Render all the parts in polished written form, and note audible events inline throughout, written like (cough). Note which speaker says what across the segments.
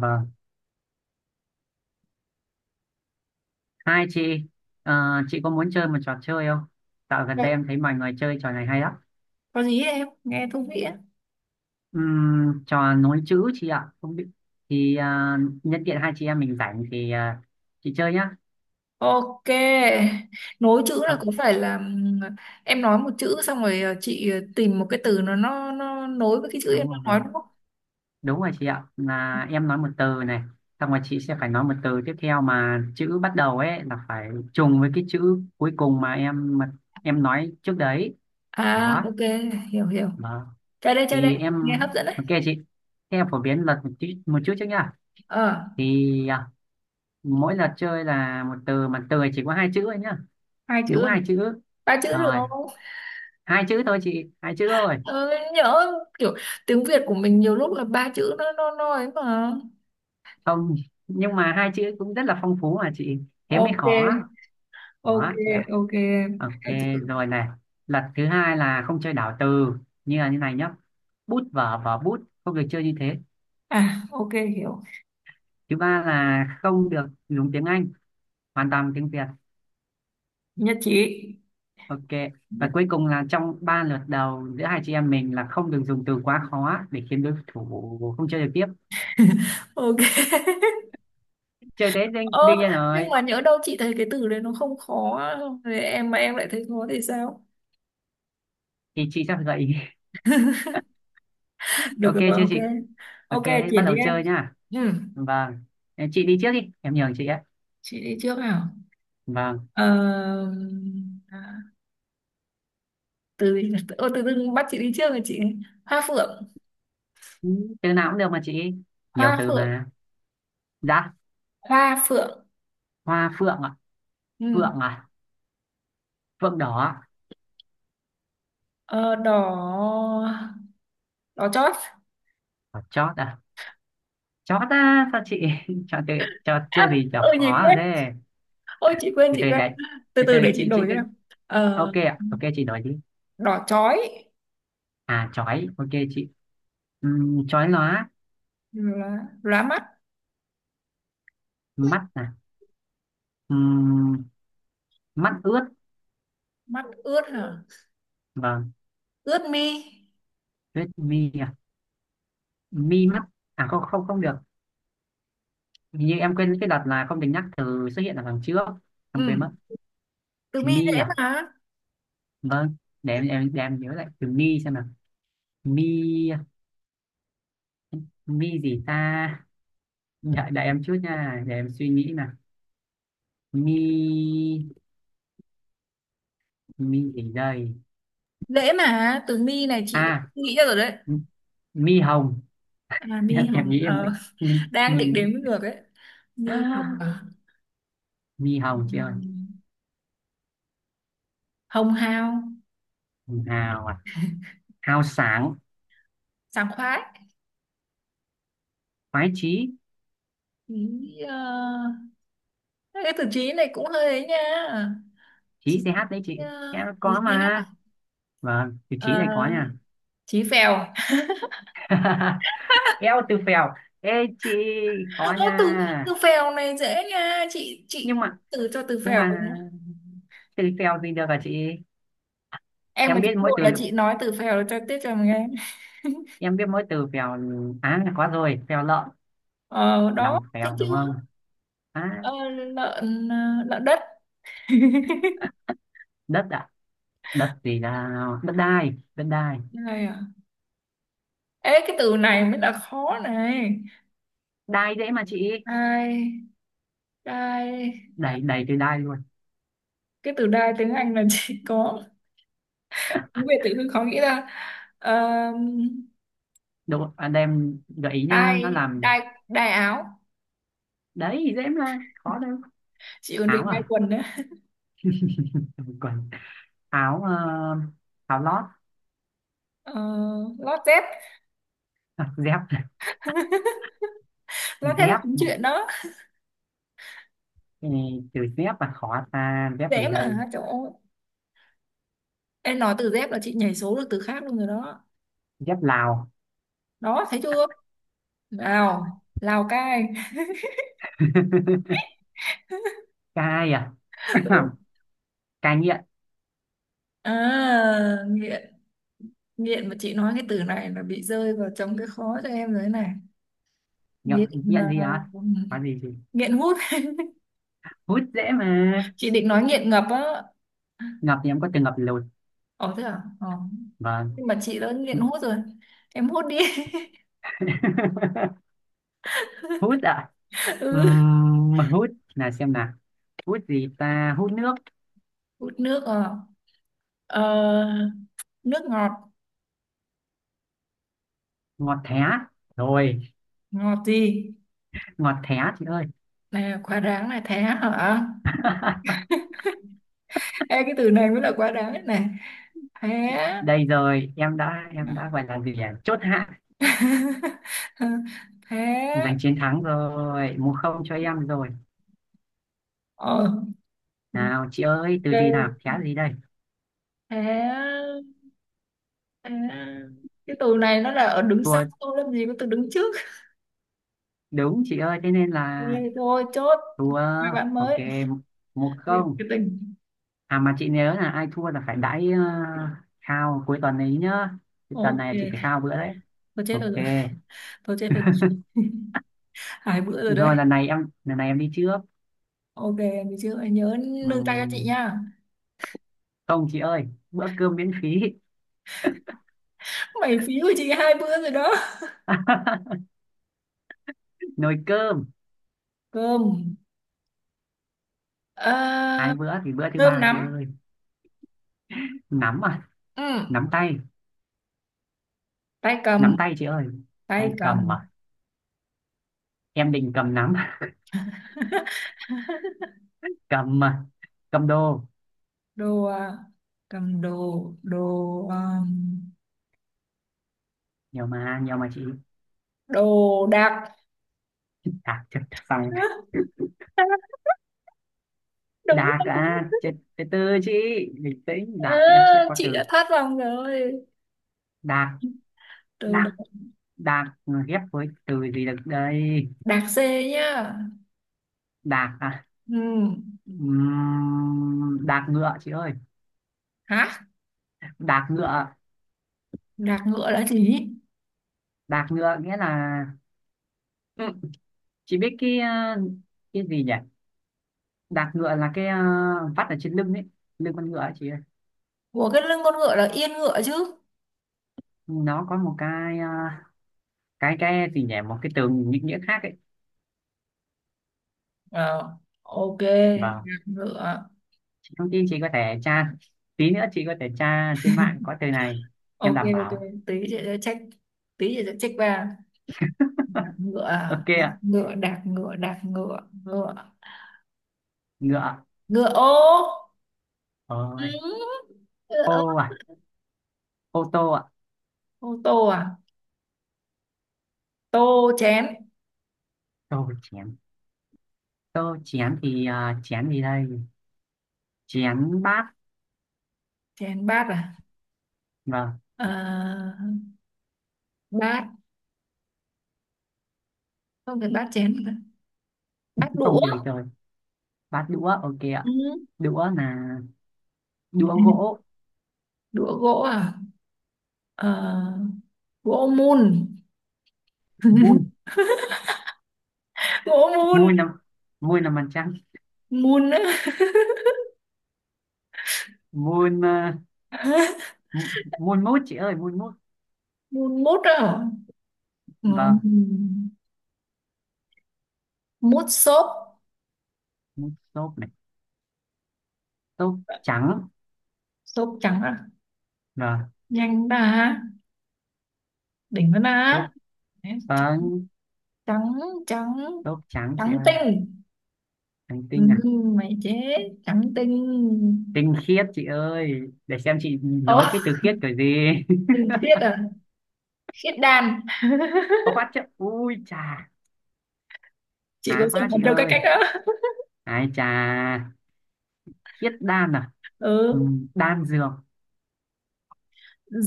Speaker 1: Vâng. Hai chị, ờ, chị có muốn chơi một trò chơi không? Dạo gần
Speaker 2: Dạ,
Speaker 1: đây em thấy mọi người chơi trò này hay lắm.
Speaker 2: có gì ấy, em nghe thú vị á.
Speaker 1: Trò nối chữ chị ạ. Không biết thì nhân tiện hai chị em mình rảnh thì chị chơi nhá.
Speaker 2: Ok, nối chữ là
Speaker 1: Không,
Speaker 2: có phải là em nói một chữ xong rồi chị tìm một cái từ nó nối với cái chữ em
Speaker 1: đúng
Speaker 2: đang
Speaker 1: rồi.
Speaker 2: nói đúng không?
Speaker 1: Đúng rồi chị ạ. Là em nói một từ này, xong rồi chị sẽ phải nói một từ tiếp theo mà chữ bắt đầu ấy là phải trùng với cái chữ cuối cùng mà em nói trước đấy.
Speaker 2: À
Speaker 1: Đó.
Speaker 2: ok, hiểu hiểu.
Speaker 1: Vâng.
Speaker 2: Chơi đây,
Speaker 1: Thì em
Speaker 2: nghe hấp dẫn đấy.
Speaker 1: ok chị. Thế em phổ biến luật một chút trước nhá.
Speaker 2: Ờ,
Speaker 1: Thì à, Mỗi lượt chơi là một từ mà từ này chỉ có hai chữ thôi nhá,
Speaker 2: hai chữ
Speaker 1: đúng
Speaker 2: à?
Speaker 1: hai chữ
Speaker 2: Ba chữ được
Speaker 1: rồi,
Speaker 2: không?
Speaker 1: hai chữ thôi chị, hai chữ thôi.
Speaker 2: Ờ, nhớ kiểu tiếng Việt của mình nhiều lúc là ba chữ nó ấy mà.
Speaker 1: Không, nhưng mà hai chữ cũng rất là phong phú mà chị, thế mới
Speaker 2: Ok,
Speaker 1: khó,
Speaker 2: ok,
Speaker 1: khó chị ạ.
Speaker 2: ok.
Speaker 1: Ok,
Speaker 2: Hai chữ.
Speaker 1: rồi này, lật thứ hai là không chơi đảo từ, như là như này nhá: bút vở, vở bút, không được chơi như thế.
Speaker 2: À ok, hiểu.
Speaker 1: Thứ ba là không được dùng tiếng Anh, hoàn toàn tiếng Việt.
Speaker 2: Nhất trí.
Speaker 1: Ok, và
Speaker 2: Nhất.
Speaker 1: cuối cùng là trong ba lượt đầu giữa hai chị em mình là không được dùng từ quá khó để khiến đối thủ không chơi được tiếp.
Speaker 2: Ok.
Speaker 1: Chơi Tết đương,
Speaker 2: Ơ,
Speaker 1: đương nhiên
Speaker 2: nhưng
Speaker 1: rồi,
Speaker 2: mà nhỡ đâu chị thấy cái từ đấy nó không khó, không thì em mà em lại thấy khó thì sao?
Speaker 1: thì chị sẽ phải gợi ý. (laughs)
Speaker 2: Được
Speaker 1: Ok
Speaker 2: rồi,
Speaker 1: chưa
Speaker 2: ok.
Speaker 1: chị? Ok
Speaker 2: Ok,
Speaker 1: thế bắt
Speaker 2: chuyển đi
Speaker 1: đầu
Speaker 2: em.
Speaker 1: chơi nhá.
Speaker 2: Ừ,
Speaker 1: Vâng. Ờ, chị đi trước đi, em nhường chị ấy.
Speaker 2: chị đi trước nào.
Speaker 1: Vâng.
Speaker 2: Ờ, à, từ gì nhỉ? Ô, tự dưng bắt chị đi trước rồi chị. Hoa phượng,
Speaker 1: Ừ, từ nào cũng được mà chị, nhiều
Speaker 2: hoa
Speaker 1: từ
Speaker 2: phượng,
Speaker 1: mà. Dạ,
Speaker 2: hoa phượng.
Speaker 1: hoa phượng ạ.
Speaker 2: Ừ.
Speaker 1: Phượng à, phượng đỏ ạ. À?
Speaker 2: Ờ, đỏ, đỏ chót.
Speaker 1: Ờ, chót à, chót á sao chị. (laughs) Chọn từ, chọn chưa gì chọn
Speaker 2: Ôi chị
Speaker 1: khó rồi
Speaker 2: quên,
Speaker 1: thế.
Speaker 2: ôi chị quên,
Speaker 1: từ
Speaker 2: chị
Speaker 1: từ
Speaker 2: quên.
Speaker 1: đấy
Speaker 2: Từ
Speaker 1: từ
Speaker 2: từ
Speaker 1: từ
Speaker 2: để chị
Speaker 1: chị
Speaker 2: đổi cho
Speaker 1: cứ
Speaker 2: em. Ờ,
Speaker 1: ok ạ, ok chị nói đi.
Speaker 2: đỏ chói,
Speaker 1: À, chói ok chị. Chói lóa.
Speaker 2: lá mắt,
Speaker 1: Mắt à? Ừm, mắt ướt.
Speaker 2: mắt ướt hả?
Speaker 1: Vâng.
Speaker 2: Ướt mi.
Speaker 1: Ướt mi à, mi mắt. À không không không được, hình như em quên cái đợt là không được nhắc từ xuất hiện ở phần trước, em
Speaker 2: Ừ.
Speaker 1: quên mất.
Speaker 2: Tường My
Speaker 1: Mi
Speaker 2: dễ
Speaker 1: à?
Speaker 2: mà,
Speaker 1: Vâng. Để để em nhớ lại từ mi xem nào. Mi, mi gì ta? Đợi đợi em chút nha, để em suy nghĩ nào. Mi, mi gì đây?
Speaker 2: dễ mà, Tường My này chị đã
Speaker 1: À,
Speaker 2: nghĩ ra rồi đấy.
Speaker 1: m- mi hồng.
Speaker 2: À
Speaker 1: (laughs)
Speaker 2: My
Speaker 1: Em
Speaker 2: Hồng,
Speaker 1: nghĩ em mới mi
Speaker 2: (laughs) đang
Speaker 1: mi
Speaker 2: định đếm ngược ấy. My Hồng.
Speaker 1: À,
Speaker 2: À,
Speaker 1: (gasps) mi
Speaker 2: Hồng,
Speaker 1: hồng chị ơi.
Speaker 2: Hồng Hào,
Speaker 1: Hào à, hào sáng.
Speaker 2: sảng khoái.
Speaker 1: Khoái chí.
Speaker 2: Ý, ờ, cái từ chí này cũng hơi ấy nha.
Speaker 1: Chí
Speaker 2: Chí,
Speaker 1: ch- đấy
Speaker 2: ờ,
Speaker 1: chị, em có
Speaker 2: chí thế nào.
Speaker 1: mà. Vâng, từ chí
Speaker 2: Ờ,
Speaker 1: này có nha.
Speaker 2: chí phèo.
Speaker 1: (laughs) Eo, từ phèo, ê chị, khó
Speaker 2: (laughs) Ô
Speaker 1: nha.
Speaker 2: từ, từ phèo này dễ nha chị,
Speaker 1: Nhưng mà,
Speaker 2: từ cho từ
Speaker 1: nhưng
Speaker 2: phèo
Speaker 1: mà
Speaker 2: cũng,
Speaker 1: từ phèo gì được hả chị?
Speaker 2: em mà
Speaker 1: em
Speaker 2: chị
Speaker 1: biết mỗi
Speaker 2: ngồi
Speaker 1: từ
Speaker 2: là chị nói từ phèo cho tiếp cho mình nghe. (laughs)
Speaker 1: em biết mỗi từ phèo. Á là có rồi, phèo lợn,
Speaker 2: Ờ đó,
Speaker 1: lòng
Speaker 2: thấy
Speaker 1: phèo
Speaker 2: chưa.
Speaker 1: đúng không? Á,
Speaker 2: Ờ, lợn đất. (laughs)
Speaker 1: đất ạ. Đất gì nào? Đất đai, đất đai.
Speaker 2: Đây à, ê cái từ này mới là khó này.
Speaker 1: Đai dễ mà chị,
Speaker 2: Đai đai đai,
Speaker 1: đầy đầy từ đai luôn.
Speaker 2: cái từ đai tiếng Anh là chỉ có, tiếng Việt tự dưng khó nghĩ ra. Um,
Speaker 1: Đúng anh đem gợi ý nhá, nó
Speaker 2: đai
Speaker 1: làm
Speaker 2: đai Đai áo,
Speaker 1: đấy, dễ mà, khó đâu.
Speaker 2: chị còn định
Speaker 1: Áo
Speaker 2: đai
Speaker 1: à,
Speaker 2: quần nữa.
Speaker 1: (laughs) quần áo. Ờ, áo lót.
Speaker 2: Ờ, lót dép.
Speaker 1: (laughs) Dép.
Speaker 2: (laughs) Lót dép là cũng
Speaker 1: Dép.
Speaker 2: chuyện đó.
Speaker 1: Ừ, chữ dép mà khó ta, dép gì
Speaker 2: Dễ
Speaker 1: đây?
Speaker 2: mà trời ơi, em nói từ dép là chị nhảy số được từ khác luôn rồi đó.
Speaker 1: Dép Lào.
Speaker 2: Đó thấy chưa. Lào, Lào Cai.
Speaker 1: (laughs) Cai à. (clears throat)
Speaker 2: (laughs)
Speaker 1: (coughs) Cai nghiện.
Speaker 2: à, nghĩa, nghiện mà chị nói cái từ này là bị rơi vào trong cái khó cho em rồi đấy này.
Speaker 1: Nghiện,
Speaker 2: Nghiện
Speaker 1: nghiện
Speaker 2: là
Speaker 1: gì á, có gì gì.
Speaker 2: nghiện hút,
Speaker 1: Hút dễ mà.
Speaker 2: chị định nói nghiện ngập á.
Speaker 1: Ngập thì em có từng ngập lụt.
Speaker 2: Ờ thế à. Ờ.
Speaker 1: Vâng.
Speaker 2: Nhưng mà chị đã nghiện hút rồi, em hút đi.
Speaker 1: (laughs) Hút ạ.
Speaker 2: (laughs) Ừ.
Speaker 1: Mà hút là xem nào, hút gì ta, hút nước.
Speaker 2: Hút nước à, ờ, nước ngọt.
Speaker 1: Ngọt thé, rồi,
Speaker 2: Ngọt gì,
Speaker 1: ngọt thé chị ơi.
Speaker 2: nè quá đáng này, thế hả.
Speaker 1: (laughs)
Speaker 2: Ê, cái từ này mới là quá đáng đấy này. Thế
Speaker 1: Đây rồi, em đã gọi là gì à? Chốt hạ,
Speaker 2: (laughs) thế
Speaker 1: giành chiến thắng rồi, 1-0 cho em rồi.
Speaker 2: ờ
Speaker 1: Nào chị ơi, từ gì
Speaker 2: thế
Speaker 1: nào, thé gì đây?
Speaker 2: Thế. À, cái tù này nó là ở đứng sau,
Speaker 1: Thua,
Speaker 2: tôi làm gì có tôi đứng trước.
Speaker 1: đúng chị ơi, thế nên là
Speaker 2: Nghe thôi chốt,
Speaker 1: thua
Speaker 2: hai bạn
Speaker 1: ok,
Speaker 2: mới.
Speaker 1: một
Speaker 2: Thiệt
Speaker 1: không
Speaker 2: cái tình.
Speaker 1: À mà chị nhớ là ai thua là phải đãi khao cuối tuần ấy nhá. Cái tuần này chị phải
Speaker 2: Ok,
Speaker 1: khao bữa đấy.
Speaker 2: tôi chết tôi
Speaker 1: Ok.
Speaker 2: rồi, tôi chết tôi rồi. (laughs) Hai bữa
Speaker 1: Được
Speaker 2: rồi đấy.
Speaker 1: rồi, lần này em đi trước.
Speaker 2: Ok, mình chưa hãy nhớ nương tay cho chị
Speaker 1: Ừm,
Speaker 2: nha.
Speaker 1: không chị ơi, bữa cơm miễn phí.
Speaker 2: Mày phí của chị hai bữa rồi đó.
Speaker 1: (laughs) Nồi cơm.
Speaker 2: cơm
Speaker 1: Hai
Speaker 2: à,
Speaker 1: bữa thì bữa thứ
Speaker 2: cơm
Speaker 1: ba chị
Speaker 2: nắm.
Speaker 1: ơi. Nắm à,
Speaker 2: Ừ.
Speaker 1: nắm tay.
Speaker 2: tay
Speaker 1: Nắm
Speaker 2: cầm
Speaker 1: tay chị ơi.
Speaker 2: tay
Speaker 1: Tay cầm
Speaker 2: cầm
Speaker 1: à, em định cầm nắm. (laughs) Cầm à, cầm đồ.
Speaker 2: đồ à, cầm đồ, đồ à,
Speaker 1: Nhiều mà chị.
Speaker 2: đồ đạc.
Speaker 1: À chết, xong.
Speaker 2: (laughs) Hả? Đúng
Speaker 1: Đạt
Speaker 2: rồi, đúng.
Speaker 1: à, từ từ từ chị bình tĩnh,
Speaker 2: Ờ,
Speaker 1: đạt thì em sẽ có
Speaker 2: chị
Speaker 1: từ.
Speaker 2: đã thoát vòng rồi.
Speaker 1: Đạt,
Speaker 2: từ
Speaker 1: đạt,
Speaker 2: đ-
Speaker 1: đạt ghép với từ gì được đây?
Speaker 2: Đạc dê nhá.
Speaker 1: Đạt à.
Speaker 2: Ừ.
Speaker 1: Đạt ngựa chị ơi.
Speaker 2: Hả,
Speaker 1: Đạt ngựa.
Speaker 2: đạc ngựa là gì,
Speaker 1: Đạt ngựa nghĩa là, ừ, chị biết cái, ờ, cái gì nhỉ, đạt ngựa là cái, ờ, vắt ở trên lưng ấy, lưng con ngựa ấy chị ơi.
Speaker 2: của cái lưng con ngựa là yên ngựa chứ.
Speaker 1: Nó có một cái, ờ, cái gì nhỉ, một cái từ định nghĩa khác ấy.
Speaker 2: Ờ, ok,
Speaker 1: Vâng.
Speaker 2: đạc ngựa.
Speaker 1: Chị thông tin, chị có thể tra, tí nữa chị có thể tra trên mạng có từ này, em
Speaker 2: Ok,
Speaker 1: đảm
Speaker 2: ok,
Speaker 1: bảo.
Speaker 2: tí chị sẽ check, tí chị sẽ check ba. Đạc ngựa à?
Speaker 1: Ok
Speaker 2: Đạc
Speaker 1: ạ.
Speaker 2: ngựa đạc ngựa đạc ngựa Ngựa,
Speaker 1: Ngựa.
Speaker 2: ngựa ô.
Speaker 1: Ôi,
Speaker 2: Ừ. Ngựa ô.
Speaker 1: ô à, ô tô ạ.
Speaker 2: Ô tô à, tô chén,
Speaker 1: Tô chén. Tô chén thì chén gì đây, chén bát.
Speaker 2: chén bát à.
Speaker 1: Vâng.
Speaker 2: Ờ, bát, không phải bát chén, bát đũa.
Speaker 1: Không từ rồi, bát đũa ok
Speaker 2: Ừ.
Speaker 1: ạ. Đũa là đũa gỗ.
Speaker 2: Đũa gỗ à. Ờ, gỗ mun
Speaker 1: Muôn,
Speaker 2: gỗ mun
Speaker 1: muôn năm, muôn năm ăn trắng.
Speaker 2: Mun á
Speaker 1: Muôn
Speaker 2: (laughs)
Speaker 1: muôn mút chị ơi, muôn mút.
Speaker 2: Mun mút á. Ừ.
Speaker 1: Vâng.
Speaker 2: Mút xốp.
Speaker 1: Mút xốp này, xốp trắng.
Speaker 2: Xốp trắng á,
Speaker 1: Vâng,
Speaker 2: nhanh đã, đỉnh vẫn
Speaker 1: xốp.
Speaker 2: đã. Đấy,
Speaker 1: Vâng,
Speaker 2: trắng trắng
Speaker 1: xốp trắng chị
Speaker 2: trắng
Speaker 1: ơi.
Speaker 2: tinh.
Speaker 1: Hành
Speaker 2: Ừ,
Speaker 1: tinh à.
Speaker 2: mày chế. Trắng tinh.
Speaker 1: Tinh khiết chị ơi, để xem chị
Speaker 2: Ồ,
Speaker 1: nói với từ khiết kiểu gì. (laughs)
Speaker 2: tinh khiết à, khiết đan.
Speaker 1: Có quá chứ, ui chà,
Speaker 2: Chị có
Speaker 1: khá
Speaker 2: xem
Speaker 1: quá
Speaker 2: hạt
Speaker 1: chị
Speaker 2: châu cách
Speaker 1: ơi,
Speaker 2: cách đó.
Speaker 1: ai chà. Khiết đan à. Ừ,
Speaker 2: Ừ,
Speaker 1: đan dược.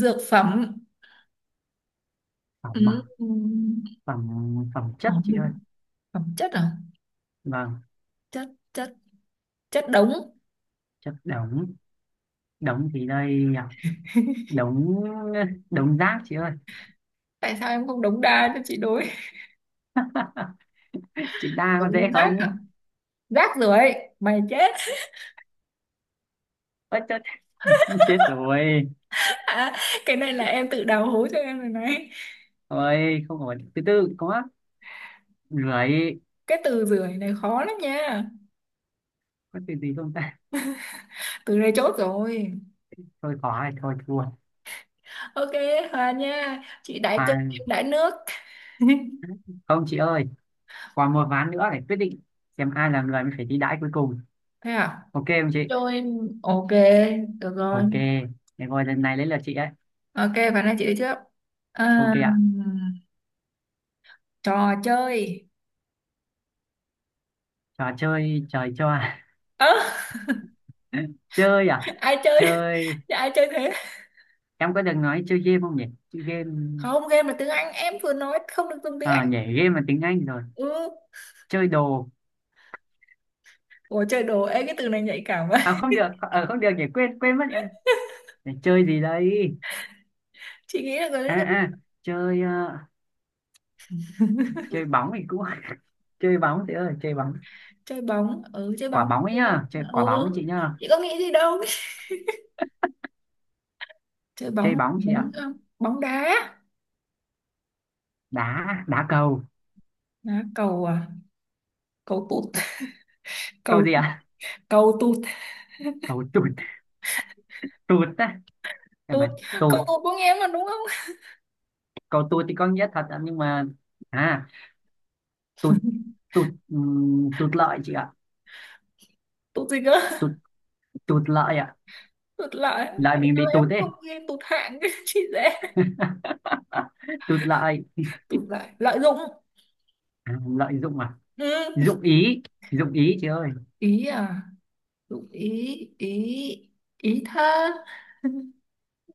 Speaker 2: dược phẩm.
Speaker 1: Phẩm
Speaker 2: ừ.
Speaker 1: à,
Speaker 2: ừ.
Speaker 1: phẩm, phẩm chất
Speaker 2: Ồ,
Speaker 1: chị ơi.
Speaker 2: mình- Phẩm chất à,
Speaker 1: Vâng.
Speaker 2: chất chất chất đống.
Speaker 1: Chất đống. Đống thì đây nhỉ? Đống, đống rác chị ơi.
Speaker 2: Tại sao em không đống đa cho chị đối.
Speaker 1: (laughs) Chị đa có
Speaker 2: Đống
Speaker 1: dễ
Speaker 2: rác
Speaker 1: không.
Speaker 2: à? Rác rưởi, mày chết.
Speaker 1: Ơi chết, (laughs) chết rồi.
Speaker 2: (laughs) Cái này là em tự đào hố cho em rồi này.
Speaker 1: Ôi không có từ, từ có lưỡi,
Speaker 2: Cái từ rưởi này khó lắm nha.
Speaker 1: có từ gì không ta?
Speaker 2: Từ này chốt rồi.
Speaker 1: Thôi khó rồi, thôi thua.
Speaker 2: Ok, hòa nha, chị đãi
Speaker 1: À
Speaker 2: cơm em đãi nước. (laughs)
Speaker 1: không chị ơi, còn một ván nữa để quyết định xem ai là người mới phải đi đãi cuối cùng.
Speaker 2: Thế à.
Speaker 1: Ok không chị?
Speaker 2: Trôi, ok, được rồi.
Speaker 1: Ok, để ngồi lần này lấy lượt chị ấy.
Speaker 2: Ok, và nói chị đi trước. à,
Speaker 1: Ok ạ.
Speaker 2: trò chơi.
Speaker 1: Trò chơi, trời cho à?
Speaker 2: Ơ (laughs)
Speaker 1: (laughs) Chơi à.
Speaker 2: ai chơi.
Speaker 1: Chơi,
Speaker 2: (laughs) Dạ, ai chơi thế.
Speaker 1: em có được nói chơi game không nhỉ, chơi game?
Speaker 2: Không, game là tiếng Anh, em vừa nói không được dùng tiếng Anh.
Speaker 1: À nhỉ, game là tiếng Anh rồi.
Speaker 2: Ừ.
Speaker 1: Chơi đồ.
Speaker 2: Ủa chơi đồ, ê cái từ này nhạy cảm quá.
Speaker 1: À không được, không được nhỉ, quên quên mất em. Để chơi gì đây?
Speaker 2: (laughs) Chị nghĩ là có.
Speaker 1: À à, chơi, chơi bóng thì cũng, (laughs) chơi bóng chị ơi, chơi bóng.
Speaker 2: Chơi bóng, ừ chơi
Speaker 1: Quả
Speaker 2: bóng,
Speaker 1: bóng ấy nhá, chơi quả bóng ấy
Speaker 2: ừ.
Speaker 1: chị nhá.
Speaker 2: Chị có nghĩ gì đâu. Chơi
Speaker 1: Chơi
Speaker 2: bóng.
Speaker 1: bóng chị
Speaker 2: bóng
Speaker 1: ạ.
Speaker 2: ờ, Bóng đá.
Speaker 1: Đá, đá cầu.
Speaker 2: Đá cầu à, cầu tụt. (laughs)
Speaker 1: Cầu
Speaker 2: Cầu,
Speaker 1: gì ạ?
Speaker 2: cầu tụt.
Speaker 1: Cầu tụt, tụt á, cái
Speaker 2: Tụt,
Speaker 1: mà tụt.
Speaker 2: cầu tụt của nghe mà đúng không.
Speaker 1: Cầu tụt thì có nghĩa thật ạ, nhưng mà à, tụt, tụt tụt lợi chị ạ.
Speaker 2: Tụt gì cơ. (laughs)
Speaker 1: Tụt, tụt lợi ạ.
Speaker 2: Tụt lại,
Speaker 1: Lợi
Speaker 2: tại
Speaker 1: mình
Speaker 2: sao
Speaker 1: bị
Speaker 2: em
Speaker 1: tụt ấy.
Speaker 2: không nghe tụt hạng. (laughs) Chị dễ,
Speaker 1: (laughs) Tụt lợi.
Speaker 2: tụt lại, lợi dụng.
Speaker 1: À, lợi dụng à.
Speaker 2: Ừ.
Speaker 1: Dụng ý, dụng ý chị ơi.
Speaker 2: Ý à, dụng ý, ý, ý thơ. (laughs)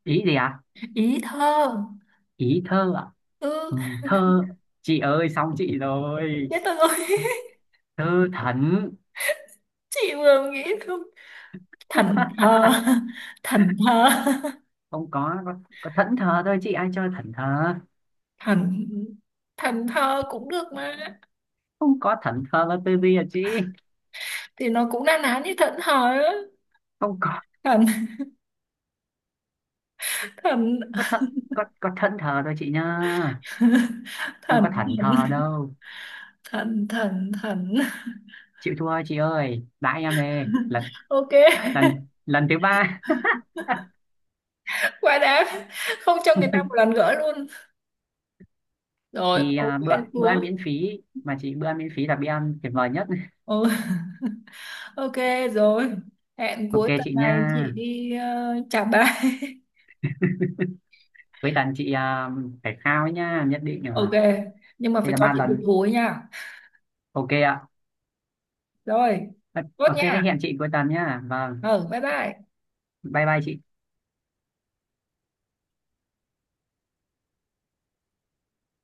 Speaker 1: Ý gì ạ?
Speaker 2: Ý thơ.
Speaker 1: Ý thơ ạ.
Speaker 2: Ừ.
Speaker 1: Ừ, thơ, chị ơi xong chị rồi.
Speaker 2: Chết tôi rồi.
Speaker 1: Thơ thẩn.
Speaker 2: (laughs) Chị vừa nghĩ không, thần thơ.
Speaker 1: (laughs)
Speaker 2: (laughs) Thần thơ.
Speaker 1: Không có, có thẫn thờ thôi chị, ai chơi thẫn thờ.
Speaker 2: Thần Thần thơ cũng được mà.
Speaker 1: Không có, thẫn thờ là từ gì à chị.
Speaker 2: Thì nó cũng na ná như thần thơ. Á.
Speaker 1: Không có,
Speaker 2: thần thần
Speaker 1: có thẫn, có thẫn thờ thôi chị nha,
Speaker 2: (laughs)
Speaker 1: không
Speaker 2: thần
Speaker 1: có thảnh thờ đâu.
Speaker 2: thần thần thần
Speaker 1: Chịu thua chị ơi, đãi em đây lần,
Speaker 2: Ok.
Speaker 1: lần thứ ba. (laughs)
Speaker 2: Quá đáng, không cho người ta một lần gỡ luôn. Rồi ok,
Speaker 1: Bữa Bữa
Speaker 2: thua.
Speaker 1: ăn miễn phí mà chị, bữa ăn miễn phí là bữa ăn tuyệt vời nhất.
Speaker 2: Ừ. (laughs) Ok, rồi, hẹn
Speaker 1: Ok
Speaker 2: cuối tuần
Speaker 1: chị nha.
Speaker 2: này chị đi. Trà Ba.
Speaker 1: Cuối tuần chị phải khao ấy nha, nhất định
Speaker 2: (laughs)
Speaker 1: rồi.
Speaker 2: Ok, nhưng mà
Speaker 1: Đây
Speaker 2: phải
Speaker 1: là
Speaker 2: cho
Speaker 1: ba
Speaker 2: chị được
Speaker 1: lần.
Speaker 2: hối nha.
Speaker 1: Ok ạ.
Speaker 2: Rồi, tốt
Speaker 1: Ok thế
Speaker 2: nha.
Speaker 1: hẹn chị cuối tuần nha, vâng.
Speaker 2: Ừ, bye bye.
Speaker 1: Bye bye chị.